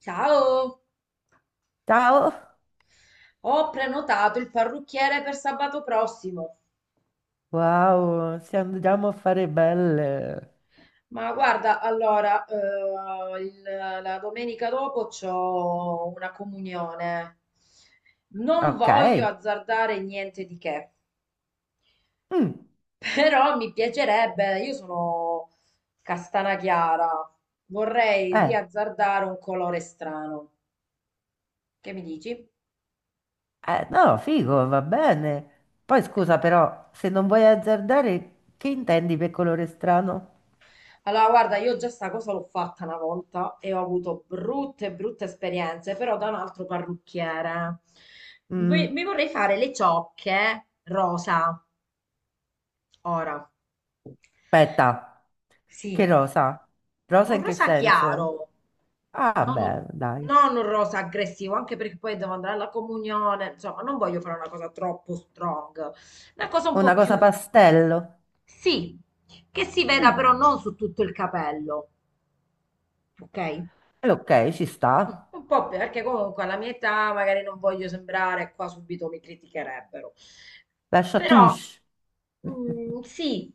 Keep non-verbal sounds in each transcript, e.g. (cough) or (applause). Ciao, Ciao! ho prenotato il parrucchiere per sabato prossimo, Wow, se andiamo a fare belle. ma guarda, allora, la domenica dopo c'ho una comunione. Non Ok. voglio azzardare niente di che, Mm. però mi piacerebbe, io sono castana chiara, vorrei eh, riazzardare un colore strano. Che mi dici? No, figo, va bene. Poi scusa però, se non vuoi azzardare, che intendi per colore strano? Allora, guarda, io già sta cosa l'ho fatta una volta e ho avuto brutte, brutte esperienze, però da un altro parrucchiere. Mm, Mi vorrei fare le ciocche rosa, ora. Aspetta, che Sì, rosa? Rosa un in che rosa senso? chiaro, Ah, non un, beh, dai. non un rosa aggressivo, anche perché poi devo andare alla comunione, insomma, non voglio fare una cosa troppo strong, una cosa un po' Una più, cosa pastello. sì, che si veda però Mm, non su tutto il capello, ok? Ok, ci Mm, sta. Un po' perché comunque alla mia età magari non voglio sembrare, qua subito mi criticherebbero. Lascia Però touche. mm, sì,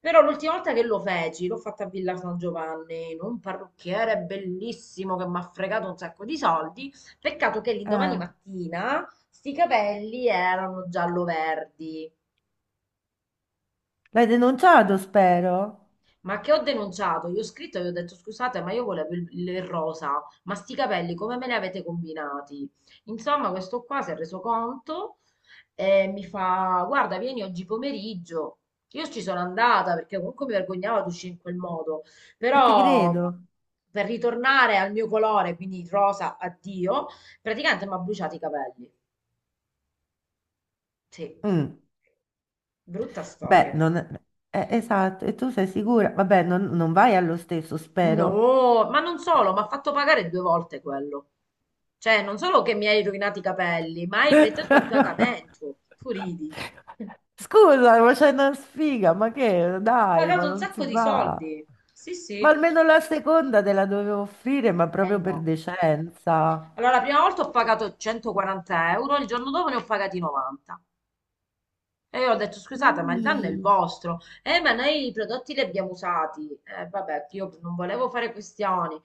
però l'ultima volta che lo feci, l'ho fatta a Villa San Giovanni, in un parrucchiere bellissimo che mi ha fregato un sacco di soldi. Peccato che l'indomani Eh, mattina sti capelli erano giallo-verdi. L'hai denunciato, spero. Ma che ho denunciato? Io ho scritto e gli ho detto scusate, ma io volevo il rosa, ma sti capelli come me li avete combinati? Insomma, questo qua si è reso conto e mi fa guarda, vieni oggi pomeriggio. Io ci sono andata perché comunque mi vergognavo ad uscire in quel modo, E ti però credo. per ritornare al mio colore, quindi rosa, addio, praticamente mi ha bruciato i capelli. Sì, Mm. brutta storia, Beh, non... credimi. Eh, esatto, e tu sei sicura? Vabbè, non vai allo stesso, spero. No, ma non solo, mi ha fatto pagare due volte quello. Cioè, non solo che mi hai rovinato i capelli, ma hai preteso il pagamento. Tu ridi. Scusa, ma c'è una sfiga, ma che? Ho Dai, ma pagato un non sacco si di fa. soldi. Sì, Ma sì. almeno la seconda te la dovevo offrire, ma Eh proprio per no. decenza. Allora, la prima volta ho pagato 140 euro, il giorno dopo ne ho pagati 90. E io ho detto, scusate, ma il danno è il Sì. vostro. Ma noi i prodotti li abbiamo usati. Vabbè, io non volevo fare questioni.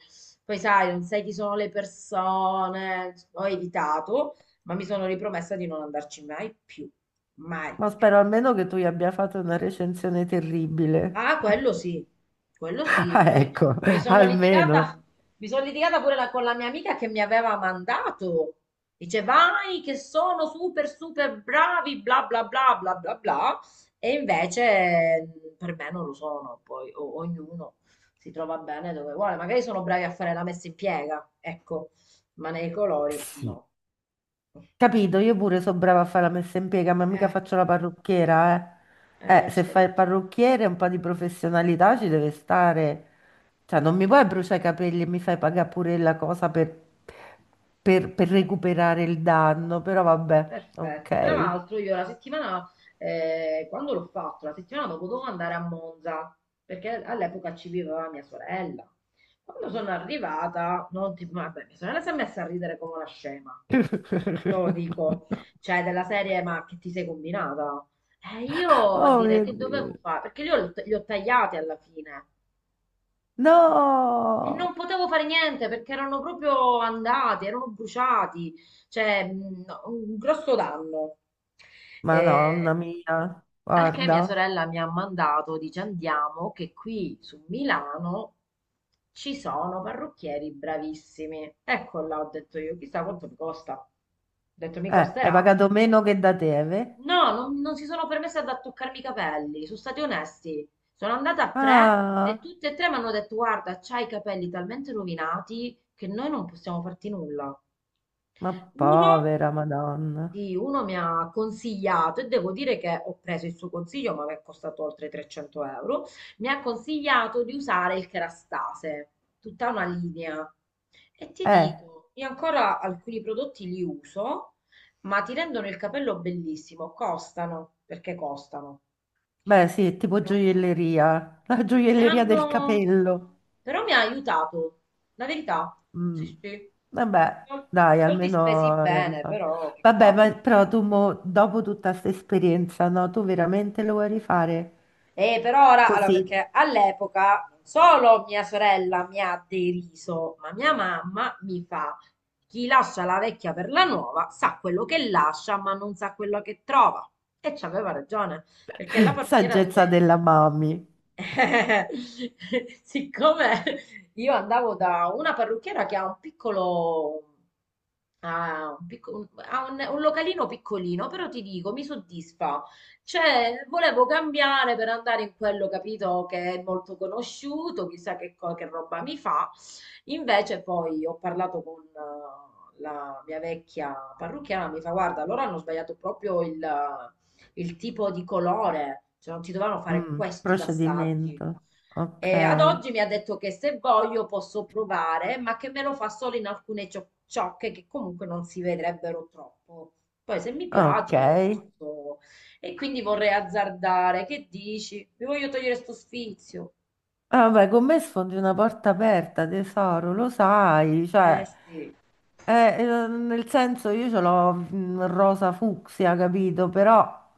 Poi sai, non sai chi sono le persone. Ho evitato, ma mi sono ripromessa di non andarci mai più. Mai. Ma spero almeno che tu gli abbia fatto una recensione terribile. Ah, (laughs) quello sì, quello sì. Ah, Poi ecco, mi sono litigata, almeno. mi sono litigata con la mia amica che mi aveva mandato. Dice, vai, che sono super, super bravi, bla bla bla bla bla bla. E invece per me non lo sono. Poi ognuno si trova bene dove vuole. Magari sono bravi a fare la messa in piega, ecco, ma nei colori Sì. no. Capito, io pure so brava a fare la messa in piega, ma mica Eh, faccio la parrucchiera, eh. Se c'è fai il ragione. parrucchiere un po' di professionalità ci deve stare. Cioè, non mi puoi bruciare i capelli e mi fai pagare pure la cosa per recuperare il danno, però vabbè, Perfetto. Tra ok. l'altro io la settimana, quando l'ho fatto, la settimana dopo dovevo andare a Monza, perché all'epoca ci viveva mia sorella. Quando sono arrivata, non ti, vabbè, mia sorella si è messa a ridere come una scema. Te lo dico, cioè della serie, ma che ti sei combinata? E io a Oh dire mio che Dio. dovevo fare, perché io li ho tagliati alla fine, e non No! potevo fare niente perché erano proprio andati, erano bruciati, cioè no, un grosso danno. Eh, Madonna mia, al che mia guarda. sorella mi ha mandato, dice andiamo, che qui su Milano ci sono parrucchieri bravissimi. Ecco là, ho detto io, chissà quanto mi costa. Ho detto mi Hai costerà. pagato meno che da te, eh? No, non si sono permesse ad toccarmi i capelli, sono stati onesti. Sono andata a tre Ah, e tutte e tre mi hanno detto: Guarda, c'hai i capelli talmente rovinati che noi non possiamo farti nulla. ma Uno povera Madonna. sì, uno mi ha consigliato e devo dire che ho preso il suo consiglio, ma mi è costato oltre 300 euro. Mi ha consigliato di usare il Kerastase, tutta una linea. E ti Eh. dico, io ancora alcuni prodotti li uso, ma ti rendono il capello bellissimo. Costano, perché costano. Beh, sì, è tipo Però gioielleria, (laughs) la mi gioielleria del hanno... capello. Però mi ha aiutato, la verità. Sì, Mm. sì. Vabbè, Sol- dai, Soldi spesi almeno la bene, risposta. però che Vabbè, ma cavolo. però tu mo, dopo tutta questa esperienza, no, tu veramente lo vuoi rifare? E per ora, allora, Così, perché all'epoca non solo mia sorella mi ha deriso, ma mia mamma mi fa, chi lascia la vecchia per la nuova sa quello che lascia, ma non sa quello che trova. E c'aveva ragione, perché la (laughs) parrucchiera saggezza dove della mami. eh, (laughs) Siccome io andavo da una parrucchiera che ha un piccolo, ha un, picco- un- ha un localino piccolino, però ti dico, mi soddisfa. Cioè, volevo cambiare per andare in quello, capito, che è molto conosciuto, chissà che, che roba mi fa. Invece poi ho parlato con la mia vecchia parrucchiera, mi fa, guarda, loro hanno sbagliato proprio il tipo di colore, cioè non si dovevano fare questi passaggi. Procedimento. Ok, E ad oggi mi ha detto che se voglio posso provare, ma che me lo fa solo in alcune ciocche che comunque non si vedrebbero troppo. Poi se mi piace ok. posso... E quindi vorrei azzardare. Che dici? Mi voglio togliere sto sfizio. Ah, vabbè, con me sfondi una porta aperta, tesoro, lo sai, Eh cioè... sì. Nel senso io ce l'ho rosa fucsia, capito? Però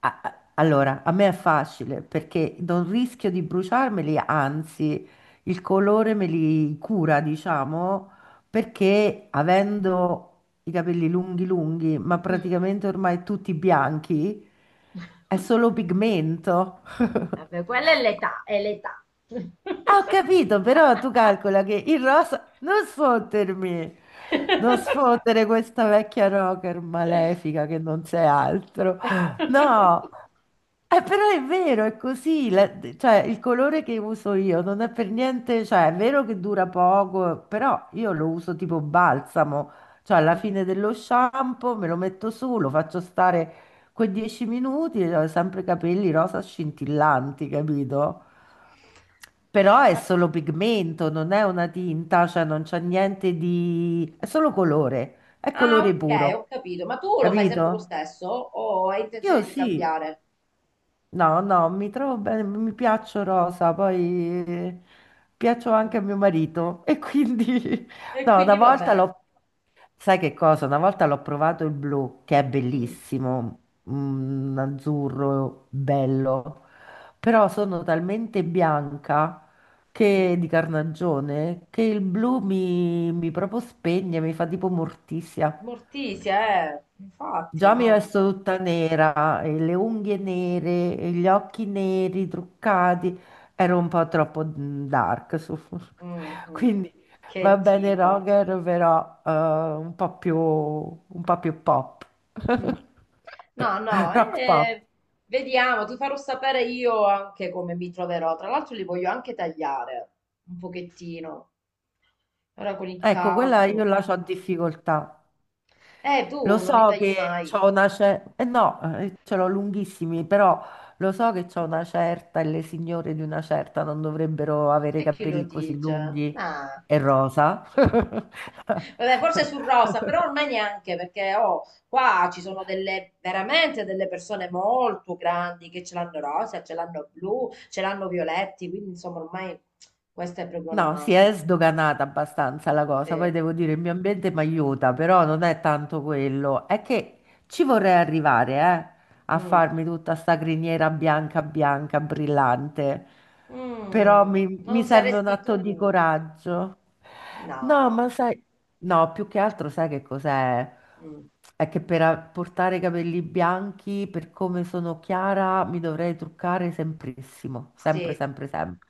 allora a me è facile perché non rischio di bruciarmeli, anzi il colore me li cura, diciamo, perché avendo i capelli lunghi lunghi, ma Mm. praticamente ormai tutti bianchi, è solo (laughs) pigmento. Vabbè, (laughs) quella è l'età, è l'età. Ah, ho capito, però tu calcola che il rosa... Non sfottermi! Non (laughs) sfottere questa vecchia rocker malefica che non sei altro. No! Però è vero, è così. Cioè, il colore che uso io non è per niente... Cioè, è vero che dura poco, però io lo uso tipo balsamo. Cioè, alla Mm. fine dello shampoo me lo metto su, lo faccio stare quei 10 minuti e ho sempre i capelli rosa scintillanti, capito? Però è Ma- solo pigmento, non è una tinta, cioè non c'è niente di... è solo colore, è Ah, colore ok, puro, ho capito. Ma tu lo fai sempre lo capito? stesso o hai Io intenzione di sì. cambiare? No, no, mi trovo bene, mi piaccio rosa, poi piaccio anche Mm. a mio marito e quindi (laughs) E no, una quindi va volta bene. l'ho, sai che cosa? Una volta l'ho provato il blu, che è Mm. bellissimo, un azzurro bello, però sono talmente bianca che di Mm. carnagione che il blu mi proprio spegne, mi fa tipo morticia. Morticia, eh. Infatti, Già mi no, resto no. tutta nera, e le unghie nere, e gli occhi neri, truccati. Ero un po' troppo dark. (laughs) Mm, mm. Quindi va Che bene tipo. Roger, però un po' più pop. Mm. (laughs) No, no, Rock pop. Vediamo, ti farò sapere io anche come mi troverò. Tra l'altro li voglio anche tagliare un pochettino, ora con il Ecco, quella io caldo. la so difficoltà. Lo Tu non li so tagli che mai. c'ho una certa, eh no, ce l'ho lunghissimi, però lo so che c'ho una certa e le signore di una certa non dovrebbero avere i E chi lo capelli così dice? lunghi Ah. e rosa. (laughs) Vabbè, forse sul rosa, però ormai neanche perché oh, qua ci sono delle veramente delle persone molto grandi che ce l'hanno rosa, ce l'hanno blu, ce l'hanno violetti, quindi insomma ormai questa è proprio No, si una... è sdoganata abbastanza la cosa, poi Sì. devo dire il mio ambiente mi aiuta, però non è tanto quello, è che ci vorrei arrivare, eh. A Mm. farmi tutta sta criniera bianca, bianca, brillante. Però Mm. mi Non serve un saresti atto tu? di coraggio. No, ma No. sai, no, più che altro sai che cos'è? Mm. È che per portare i capelli bianchi, per come sono chiara, mi dovrei truccare semprissimo, sempre, Sì. sempre, sempre.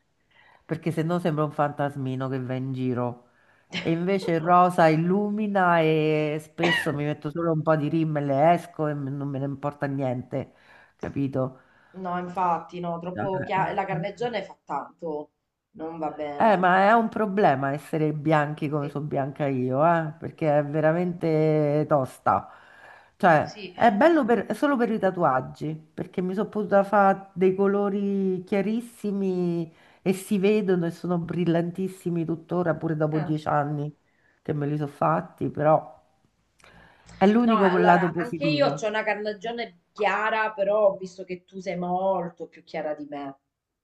Perché se no sembra un fantasmino che va in giro. E invece il (laughs) rosa illumina e spesso mi metto solo un po' di rimmel e esco e non me ne importa niente, capito? No, infatti, no, Eh. La carnegione fa tanto. Non va bene. Ma Poi. è un problema essere bianchi come Sì, sono bianca io, perché è veramente tosta. Cioè, sì. è bello è solo per i tatuaggi, perché mi sono potuta fare dei colori chiarissimi e si vedono e sono brillantissimi tuttora, pure dopo Eh. 10 anni che me li sono fatti, però è No, l'unico lato allora, anche io ho positivo. una carnagione chiara, però ho visto che tu sei molto più chiara di me.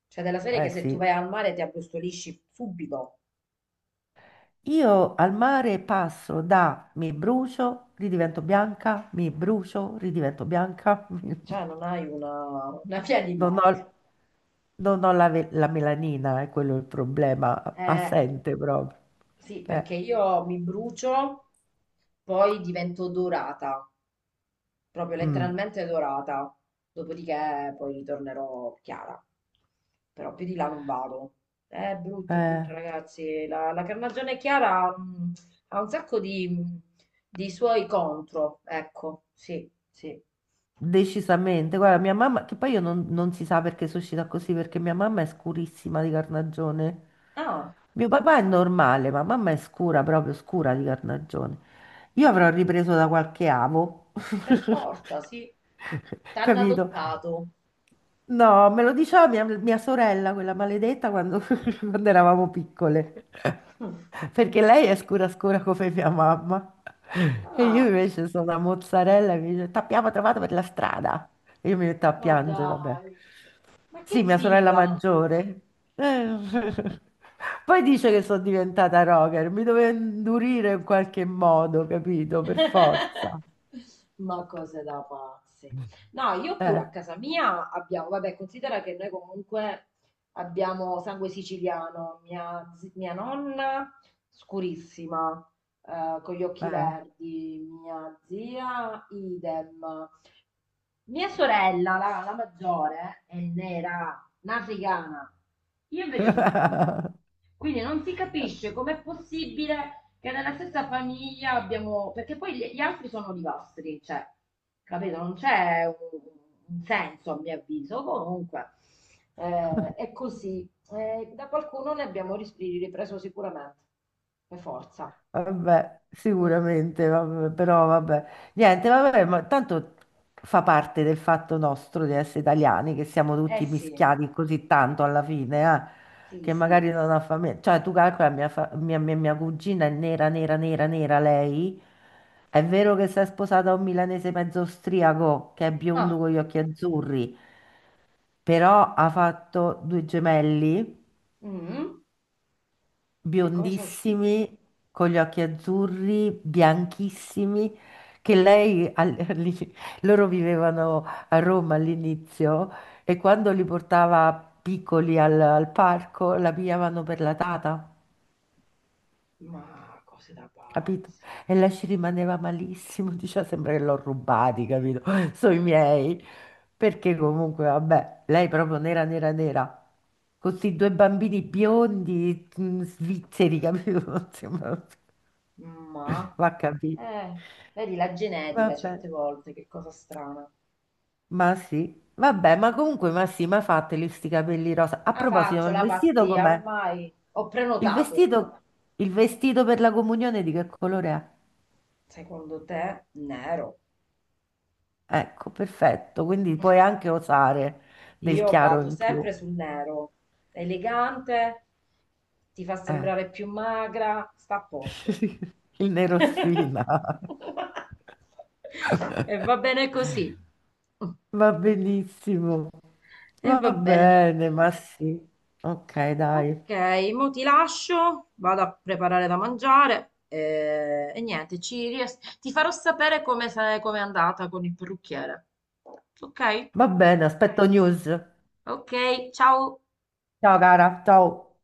Cioè, della serie che Eh se tu sì. vai al mare ti abbrustolisci subito. Io al mare passo da mi brucio, ridivento bianca, mi brucio, ridivento bianca. (laughs) Cioè, non hai una via di Non ho, mezzo. non ho la, la melanina, è quello il problema, Eh, assente proprio. sì, Eh. perché io mi brucio, poi divento dorata. Proprio Mm, letteralmente dorata. Dopodiché poi ritornerò chiara. Però più di là non vado. È brutto, eh. ragazzi. La carnagione chiara ha un sacco di suoi contro. Ecco, sì, sì. Decisamente, guarda, mia mamma, che poi io non, non si sa perché sono uscita così, perché mia mamma è scurissima di carnagione. Ah, Mio papà è normale, ma mamma è scura, proprio scura di carnagione. Io avrò ripreso da qualche avo, per (laughs) forza, sì. T'hanno capito? adottato. No, me lo diceva mia sorella, quella maledetta, quando, (laughs) quando eravamo piccole. Perché (laughs) lei è scura scura come mia mamma. E io Ah, invece sono una mozzarella e mi dice, t'abbiamo trovato per la strada. E io mi metto a ma piangere, vabbè. dai, ma Sì, che mia sorella tipa? maggiore. Eh. (laughs) Poi dice che sono diventata rocker, mi doveva indurire in qualche modo, capito? Per forza. (laughs) Ma cose da pazzi. No, io pure Eh, a casa mia abbiamo, vabbè, considera che noi comunque abbiamo sangue siciliano, mia nonna scurissima, con gli occhi eh. verdi, mia zia idem, mia sorella, la maggiore, è nera, africana. Io invece sono chiara. (laughs) Quindi non si capisce com'è possibile che nella stessa famiglia abbiamo... Perché poi gli altri sono olivastri, cioè, capito? Non c'è un senso, a mio avviso. Comunque, è così. Da qualcuno ne abbiamo ripreso sicuramente, per forza. Vabbè, Mm, mm. sicuramente, vabbè, però vabbè, niente, vabbè, ma tanto fa parte del fatto nostro di essere italiani, che siamo Eh tutti sì, mischiati così tanto alla fine, sì, che magari sì. non ha famiglia. Cioè, tu calcola, mia, fa- mia, mia- mia cugina è nera, nera, nera, nera lei. È vero che si è sposata a un milanese mezzo austriaco, che è biondo Ah, con gli occhi azzurri, però ha fatto due gemelli. Mm. E come sono usciti? Biondissimi, con gli occhi azzurri, bianchissimi, che lei, (laughs) loro vivevano a Roma all'inizio e quando li portava piccoli al parco la pigliavano per la tata. Ma cose da Capito? pazzi. E lei ci rimaneva malissimo, (laughs) diceva sembra che l'ho rubati, capito? (laughs) Sono i miei. Perché comunque, vabbè, lei proprio nera, nera, nera. Con questi due bambini biondi, svizzeri, capito? (laughs) Ma, Va capito. eh, vedi la genetica Vabbè, certe volte, che cosa strana. ma sì. Vabbè, ma comunque, ma sì, ma fateli sti capelli rosa. A Ah, proposito, ma faccio il la vestito pazzia, com'è? ormai ho Il prenotato ormai. vestito, il vestito per la comunione di che colore Secondo te, nero. è? Ecco, perfetto. Quindi puoi anche (laughs) osare del Io chiaro vado in più. sempre sul nero. Elegante, ti fa Eh. sembrare più magra, sta a posto. (laughs) Il (laughs) nerosfina. E (laughs) va bene così. Va benissimo. E Va va bene. bene, ma sì. Ok, dai. Ok, mo ti lascio, vado a preparare da mangiare niente, ti farò sapere come, come è andata con il parrucchiere. Ok? Va bene, aspetto news. Ok, ciao. Ciao cara, ciao.